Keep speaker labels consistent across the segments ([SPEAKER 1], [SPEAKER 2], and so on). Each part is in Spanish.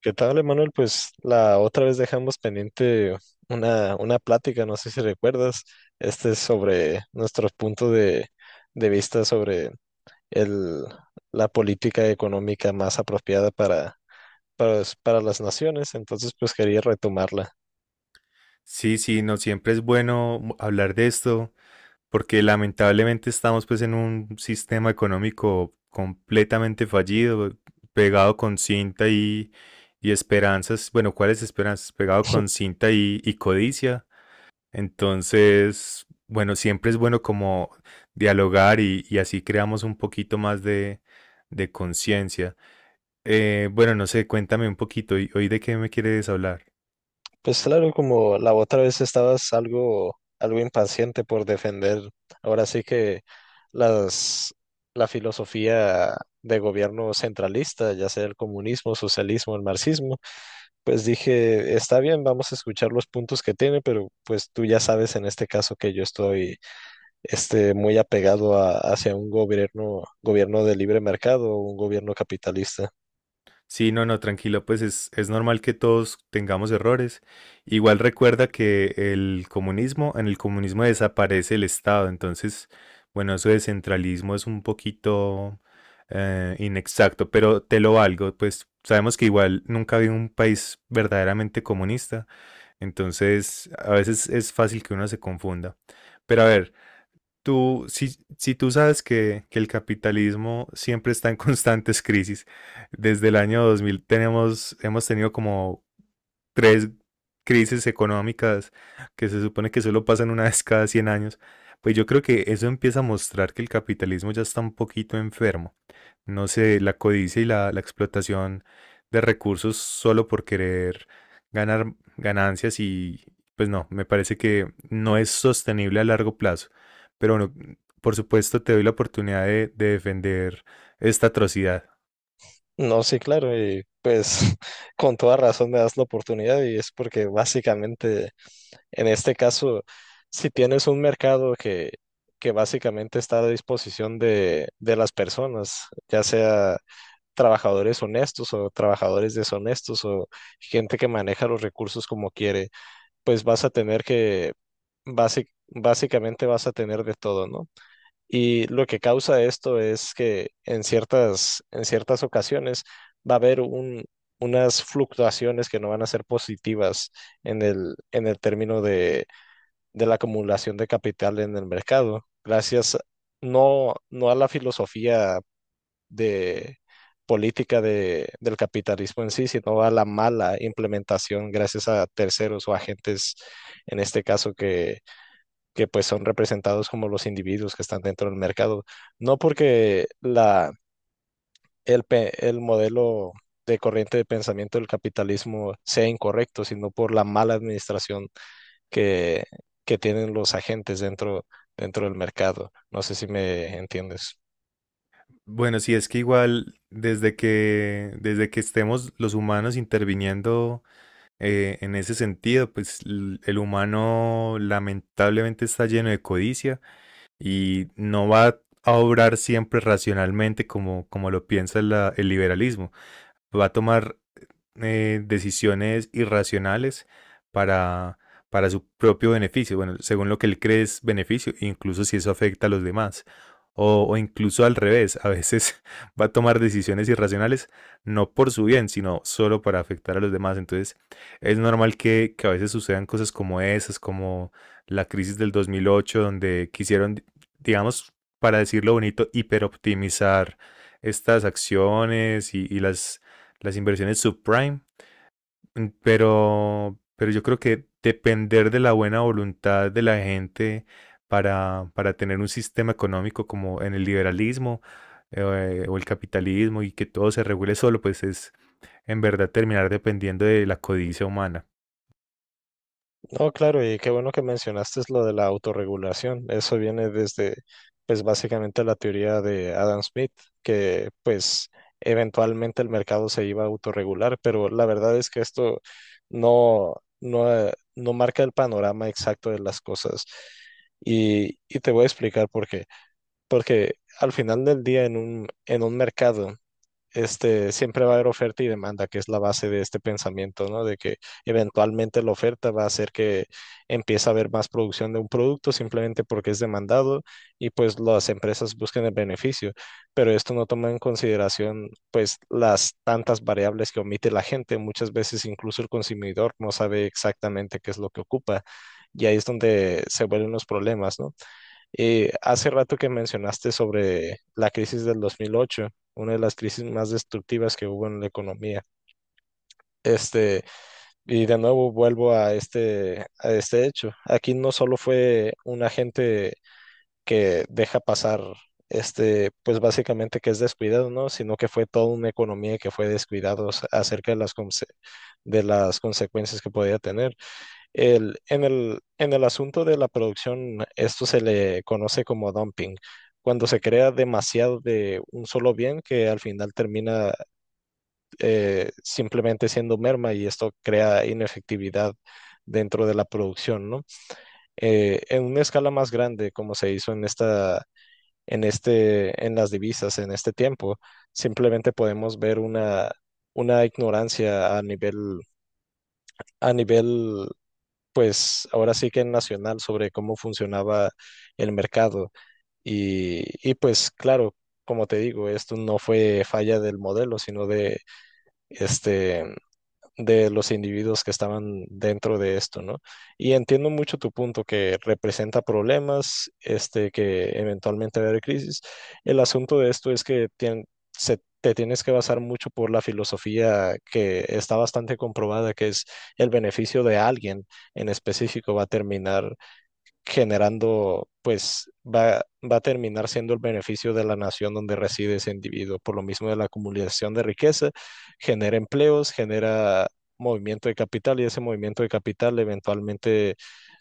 [SPEAKER 1] ¿Qué tal, Emanuel? Pues la otra vez dejamos pendiente una plática, no sé si recuerdas, este es sobre nuestro punto de vista sobre el, la política económica más apropiada para las naciones, entonces pues quería retomarla.
[SPEAKER 2] Sí, sí, no siempre es bueno hablar de esto, porque lamentablemente estamos pues en un sistema económico completamente fallido, pegado con cinta y esperanzas, bueno, ¿cuáles esperanzas? Pegado con cinta y codicia. Entonces, bueno, siempre es bueno como dialogar y así creamos un poquito más de conciencia. Bueno, no sé, cuéntame un poquito, ¿hoy de qué me quieres hablar?
[SPEAKER 1] Pues claro, como la otra vez estabas algo impaciente por defender, ahora sí que las, la filosofía de gobierno centralista, ya sea el comunismo, socialismo, el marxismo. Pues dije, está bien, vamos a escuchar los puntos que tiene, pero pues tú ya sabes en este caso que yo estoy muy apegado hacia un gobierno de libre mercado, un gobierno capitalista.
[SPEAKER 2] Sí, no, no, tranquilo, pues es normal que todos tengamos errores. Igual recuerda que el comunismo, en el comunismo desaparece el Estado, entonces, bueno, eso de centralismo es un poquito inexacto, pero te lo valgo, pues sabemos que igual nunca había un país verdaderamente comunista, entonces a veces es fácil que uno se confunda. Pero a ver, si tú sabes que el capitalismo siempre está en constantes crisis, desde el año 2000 tenemos, hemos tenido como tres crisis económicas que se supone que solo pasan una vez cada 100 años, pues yo creo que eso empieza a mostrar que el capitalismo ya está un poquito enfermo. No sé, la codicia y la explotación de recursos solo por querer ganar ganancias y pues no, me parece que no es sostenible a largo plazo. Pero bueno, por supuesto te doy la oportunidad de defender esta atrocidad.
[SPEAKER 1] No, sí, claro, y pues con toda razón me das la oportunidad y es porque básicamente en este caso, si tienes un mercado que básicamente está a disposición de las personas, ya sea trabajadores honestos o trabajadores deshonestos o gente que maneja los recursos como quiere, pues vas a tener que, básicamente vas a tener de todo, ¿no? Y lo que causa esto es que en en ciertas ocasiones va a haber unas fluctuaciones que no van a ser positivas en en el término de la acumulación de capital en el mercado, gracias no a la filosofía de política del capitalismo en sí, sino a la mala implementación gracias a terceros o agentes, en este caso, que pues son representados como los individuos que están dentro del mercado. No porque el modelo de corriente de pensamiento del capitalismo sea incorrecto, sino por la mala administración que, que tienen los agentes dentro del mercado. No sé si me entiendes.
[SPEAKER 2] Bueno, sí, es que igual desde que estemos los humanos interviniendo en ese sentido, pues el humano lamentablemente está lleno de codicia y no va a obrar siempre racionalmente como, como lo piensa el liberalismo va a tomar decisiones irracionales para, para su propio beneficio, bueno, según lo que él cree es beneficio, incluso si eso afecta a los demás. O incluso al revés, a veces va a tomar decisiones irracionales no por su bien, sino solo para afectar a los demás. Entonces es normal que a veces sucedan cosas como esas, como la crisis del 2008, donde quisieron, digamos, para decirlo bonito, hiperoptimizar estas acciones y las inversiones subprime, pero yo creo que depender de la buena voluntad de la gente para tener un sistema económico como en el liberalismo o el capitalismo y que todo se regule solo, pues es en verdad terminar dependiendo de la codicia humana.
[SPEAKER 1] No, claro, y qué bueno que mencionaste lo de la autorregulación. Eso viene desde, pues básicamente la teoría de Adam Smith, que pues eventualmente el mercado se iba a autorregular, pero la verdad es que esto no, no marca el panorama exacto de las cosas. Y te voy a explicar por qué. Porque al final del día en en un mercado, siempre va a haber oferta y demanda, que es la base de este pensamiento, ¿no? De que eventualmente la oferta va a hacer que empiece a haber más producción de un producto simplemente porque es demandado y pues las empresas buscan el beneficio, pero esto no toma en consideración pues las tantas variables que omite la gente, muchas veces incluso el consumidor no sabe exactamente qué es lo que ocupa. Y ahí es donde se vuelven los problemas, ¿no? Y hace rato que mencionaste sobre la crisis del 2008, una de las crisis más destructivas que hubo en la economía. Este, y de nuevo vuelvo a a este hecho. Aquí no solo fue un agente que deja pasar, pues básicamente que es descuidado, ¿no? Sino que fue toda una economía que fue descuidada acerca de de las consecuencias que podía tener. En el asunto de la producción, esto se le conoce como dumping, cuando se crea demasiado de un solo bien que al final termina simplemente siendo merma y esto crea inefectividad dentro de la producción, ¿no? En una escala más grande, como se hizo en en las divisas en este tiempo, simplemente podemos ver una ignorancia a a nivel pues ahora sí que nacional sobre cómo funcionaba el mercado. Y, y pues claro, como te digo, esto no fue falla del modelo, sino de este de los individuos que estaban dentro de esto, ¿no? Y entiendo mucho tu punto que representa problemas, que eventualmente va a haber crisis. El asunto de esto es que tien- se, te tienes que basar mucho por la filosofía que está bastante comprobada, que es el beneficio de alguien en específico va a terminar generando, pues va a terminar siendo el beneficio de la nación donde reside ese individuo. Por lo mismo de la acumulación de riqueza, genera empleos, genera movimiento de capital y ese movimiento de capital eventualmente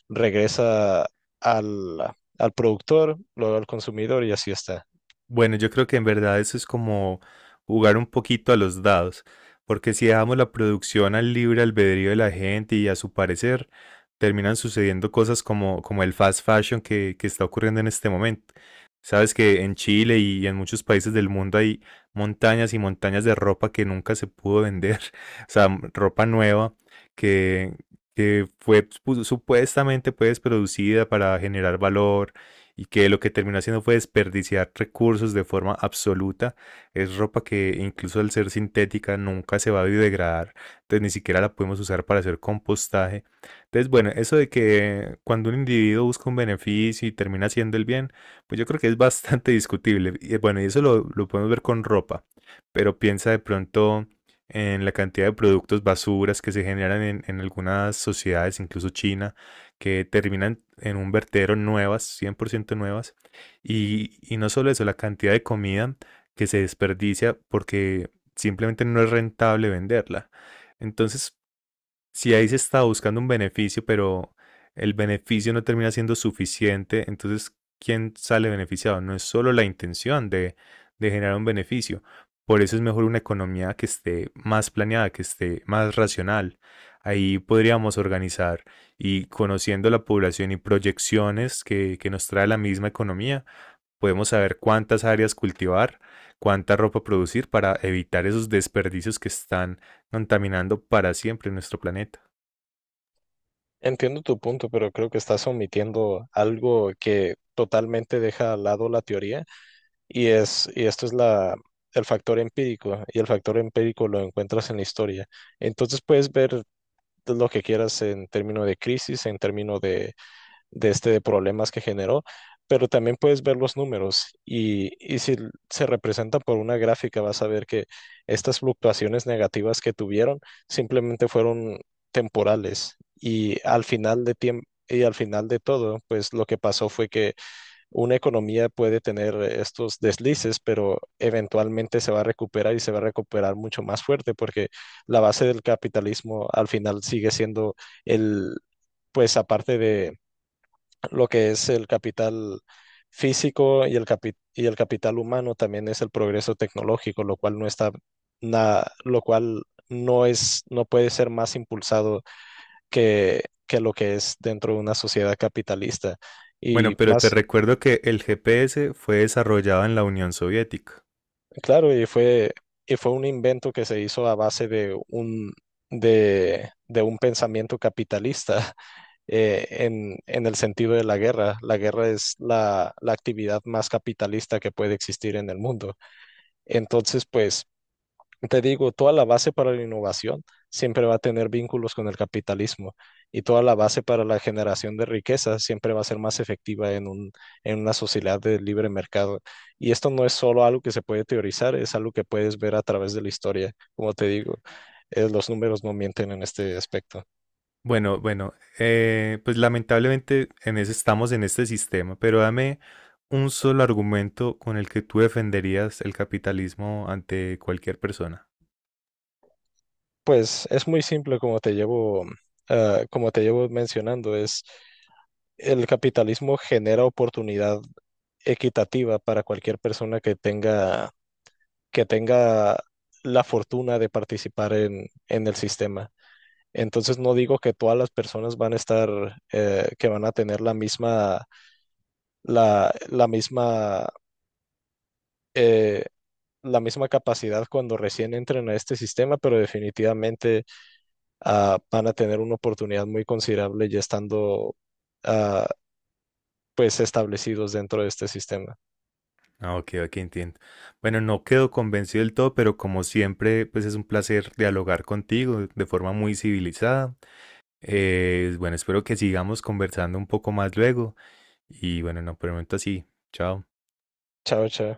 [SPEAKER 1] regresa al, al productor, luego al consumidor y así está.
[SPEAKER 2] Bueno, yo creo que en verdad eso es como jugar un poquito a los dados, porque si dejamos la producción al libre albedrío de la gente y a su parecer, terminan sucediendo cosas como, como el fast fashion que está ocurriendo en este momento. Sabes que en Chile y en muchos países del mundo hay montañas y montañas de ropa que nunca se pudo vender, o sea, m- ropa nueva que, que fue pu- supuestamente pues producida para generar valor y que lo que terminó haciendo fue desperdiciar recursos de forma absoluta. Es ropa que incluso al ser sintética nunca se va a biodegradar, entonces ni siquiera la podemos usar para hacer compostaje. Entonces, bueno, eso de que cuando un individuo busca un beneficio y termina haciendo el bien, pues yo creo que es bastante discutible. Y bueno, y eso lo podemos ver con ropa, pero piensa de pronto en la cantidad de productos basuras que se generan en algunas sociedades, incluso China que terminan en un vertedero nuevas, 100% nuevas. Y no solo eso, la cantidad de comida que se desperdicia porque simplemente no es rentable venderla. Entonces, si ahí se está buscando un beneficio, pero el beneficio no termina siendo suficiente, entonces, ¿quién sale beneficiado? No es solo la intención de generar un beneficio. Por eso es mejor una economía que esté más planeada, que esté más racional. Ahí podríamos organizar y conociendo la población y proyecciones que nos trae la misma economía, podemos saber cuántas áreas cultivar, cuánta ropa producir para evitar esos desperdicios que están contaminando para siempre nuestro planeta.
[SPEAKER 1] Entiendo tu punto, pero creo que estás omitiendo algo que totalmente deja al lado la teoría. Y esto es el factor empírico, y el factor empírico lo encuentras en la historia. Entonces puedes ver lo que quieras en términos de crisis, en términos de problemas que generó, pero también puedes ver los números y si se representan por una gráfica, vas a ver que estas fluctuaciones negativas que tuvieron simplemente fueron temporales y al final de tiempo. Y al final de todo, pues lo que pasó fue que una economía puede tener estos deslices, pero eventualmente se va a recuperar y se va a recuperar mucho más fuerte porque la base del capitalismo al final sigue siendo el, pues aparte de lo que es el capital físico y y el capital humano, también es el progreso tecnológico, lo cual no está lo cual no es, no puede ser más impulsado que lo que es dentro de una sociedad capitalista. Y
[SPEAKER 2] Bueno, pero te
[SPEAKER 1] más.
[SPEAKER 2] recuerdo que el GPS fue desarrollado en la Unión Soviética.
[SPEAKER 1] Claro, y y fue un invento que se hizo a base de de un pensamiento capitalista en el sentido de la guerra. La guerra es la actividad más capitalista que puede existir en el mundo. Entonces, pues te digo, toda la base para la innovación siempre va a tener vínculos con el capitalismo y toda la base para la generación de riqueza siempre va a ser más efectiva en un, en una sociedad de libre mercado. Y esto no es solo algo que se puede teorizar, es algo que puedes ver a través de la historia. Como te digo, los números no mienten en este aspecto.
[SPEAKER 2] Bueno, bueno, pues lamentablemente en ese estamos en este sistema, pero dame un solo argumento con el que tú defenderías el capitalismo ante cualquier persona.
[SPEAKER 1] Pues es muy simple como te como te llevo mencionando, es el capitalismo genera oportunidad equitativa para cualquier persona que tenga la fortuna de participar en el sistema. Entonces no digo que todas las personas van a que van a tener la misma, la misma, eh, la misma capacidad cuando recién entren a este sistema, pero definitivamente van a tener una oportunidad muy considerable ya estando ah, pues establecidos dentro de este sistema.
[SPEAKER 2] Ah, ok, ok, entiendo. Bueno, no quedo convencido del todo, pero como siempre, pues es un placer dialogar contigo de forma muy civilizada. Bueno, espero que sigamos conversando un poco más luego. Y bueno, no, por el momento así. Chao.
[SPEAKER 1] Chao, chao.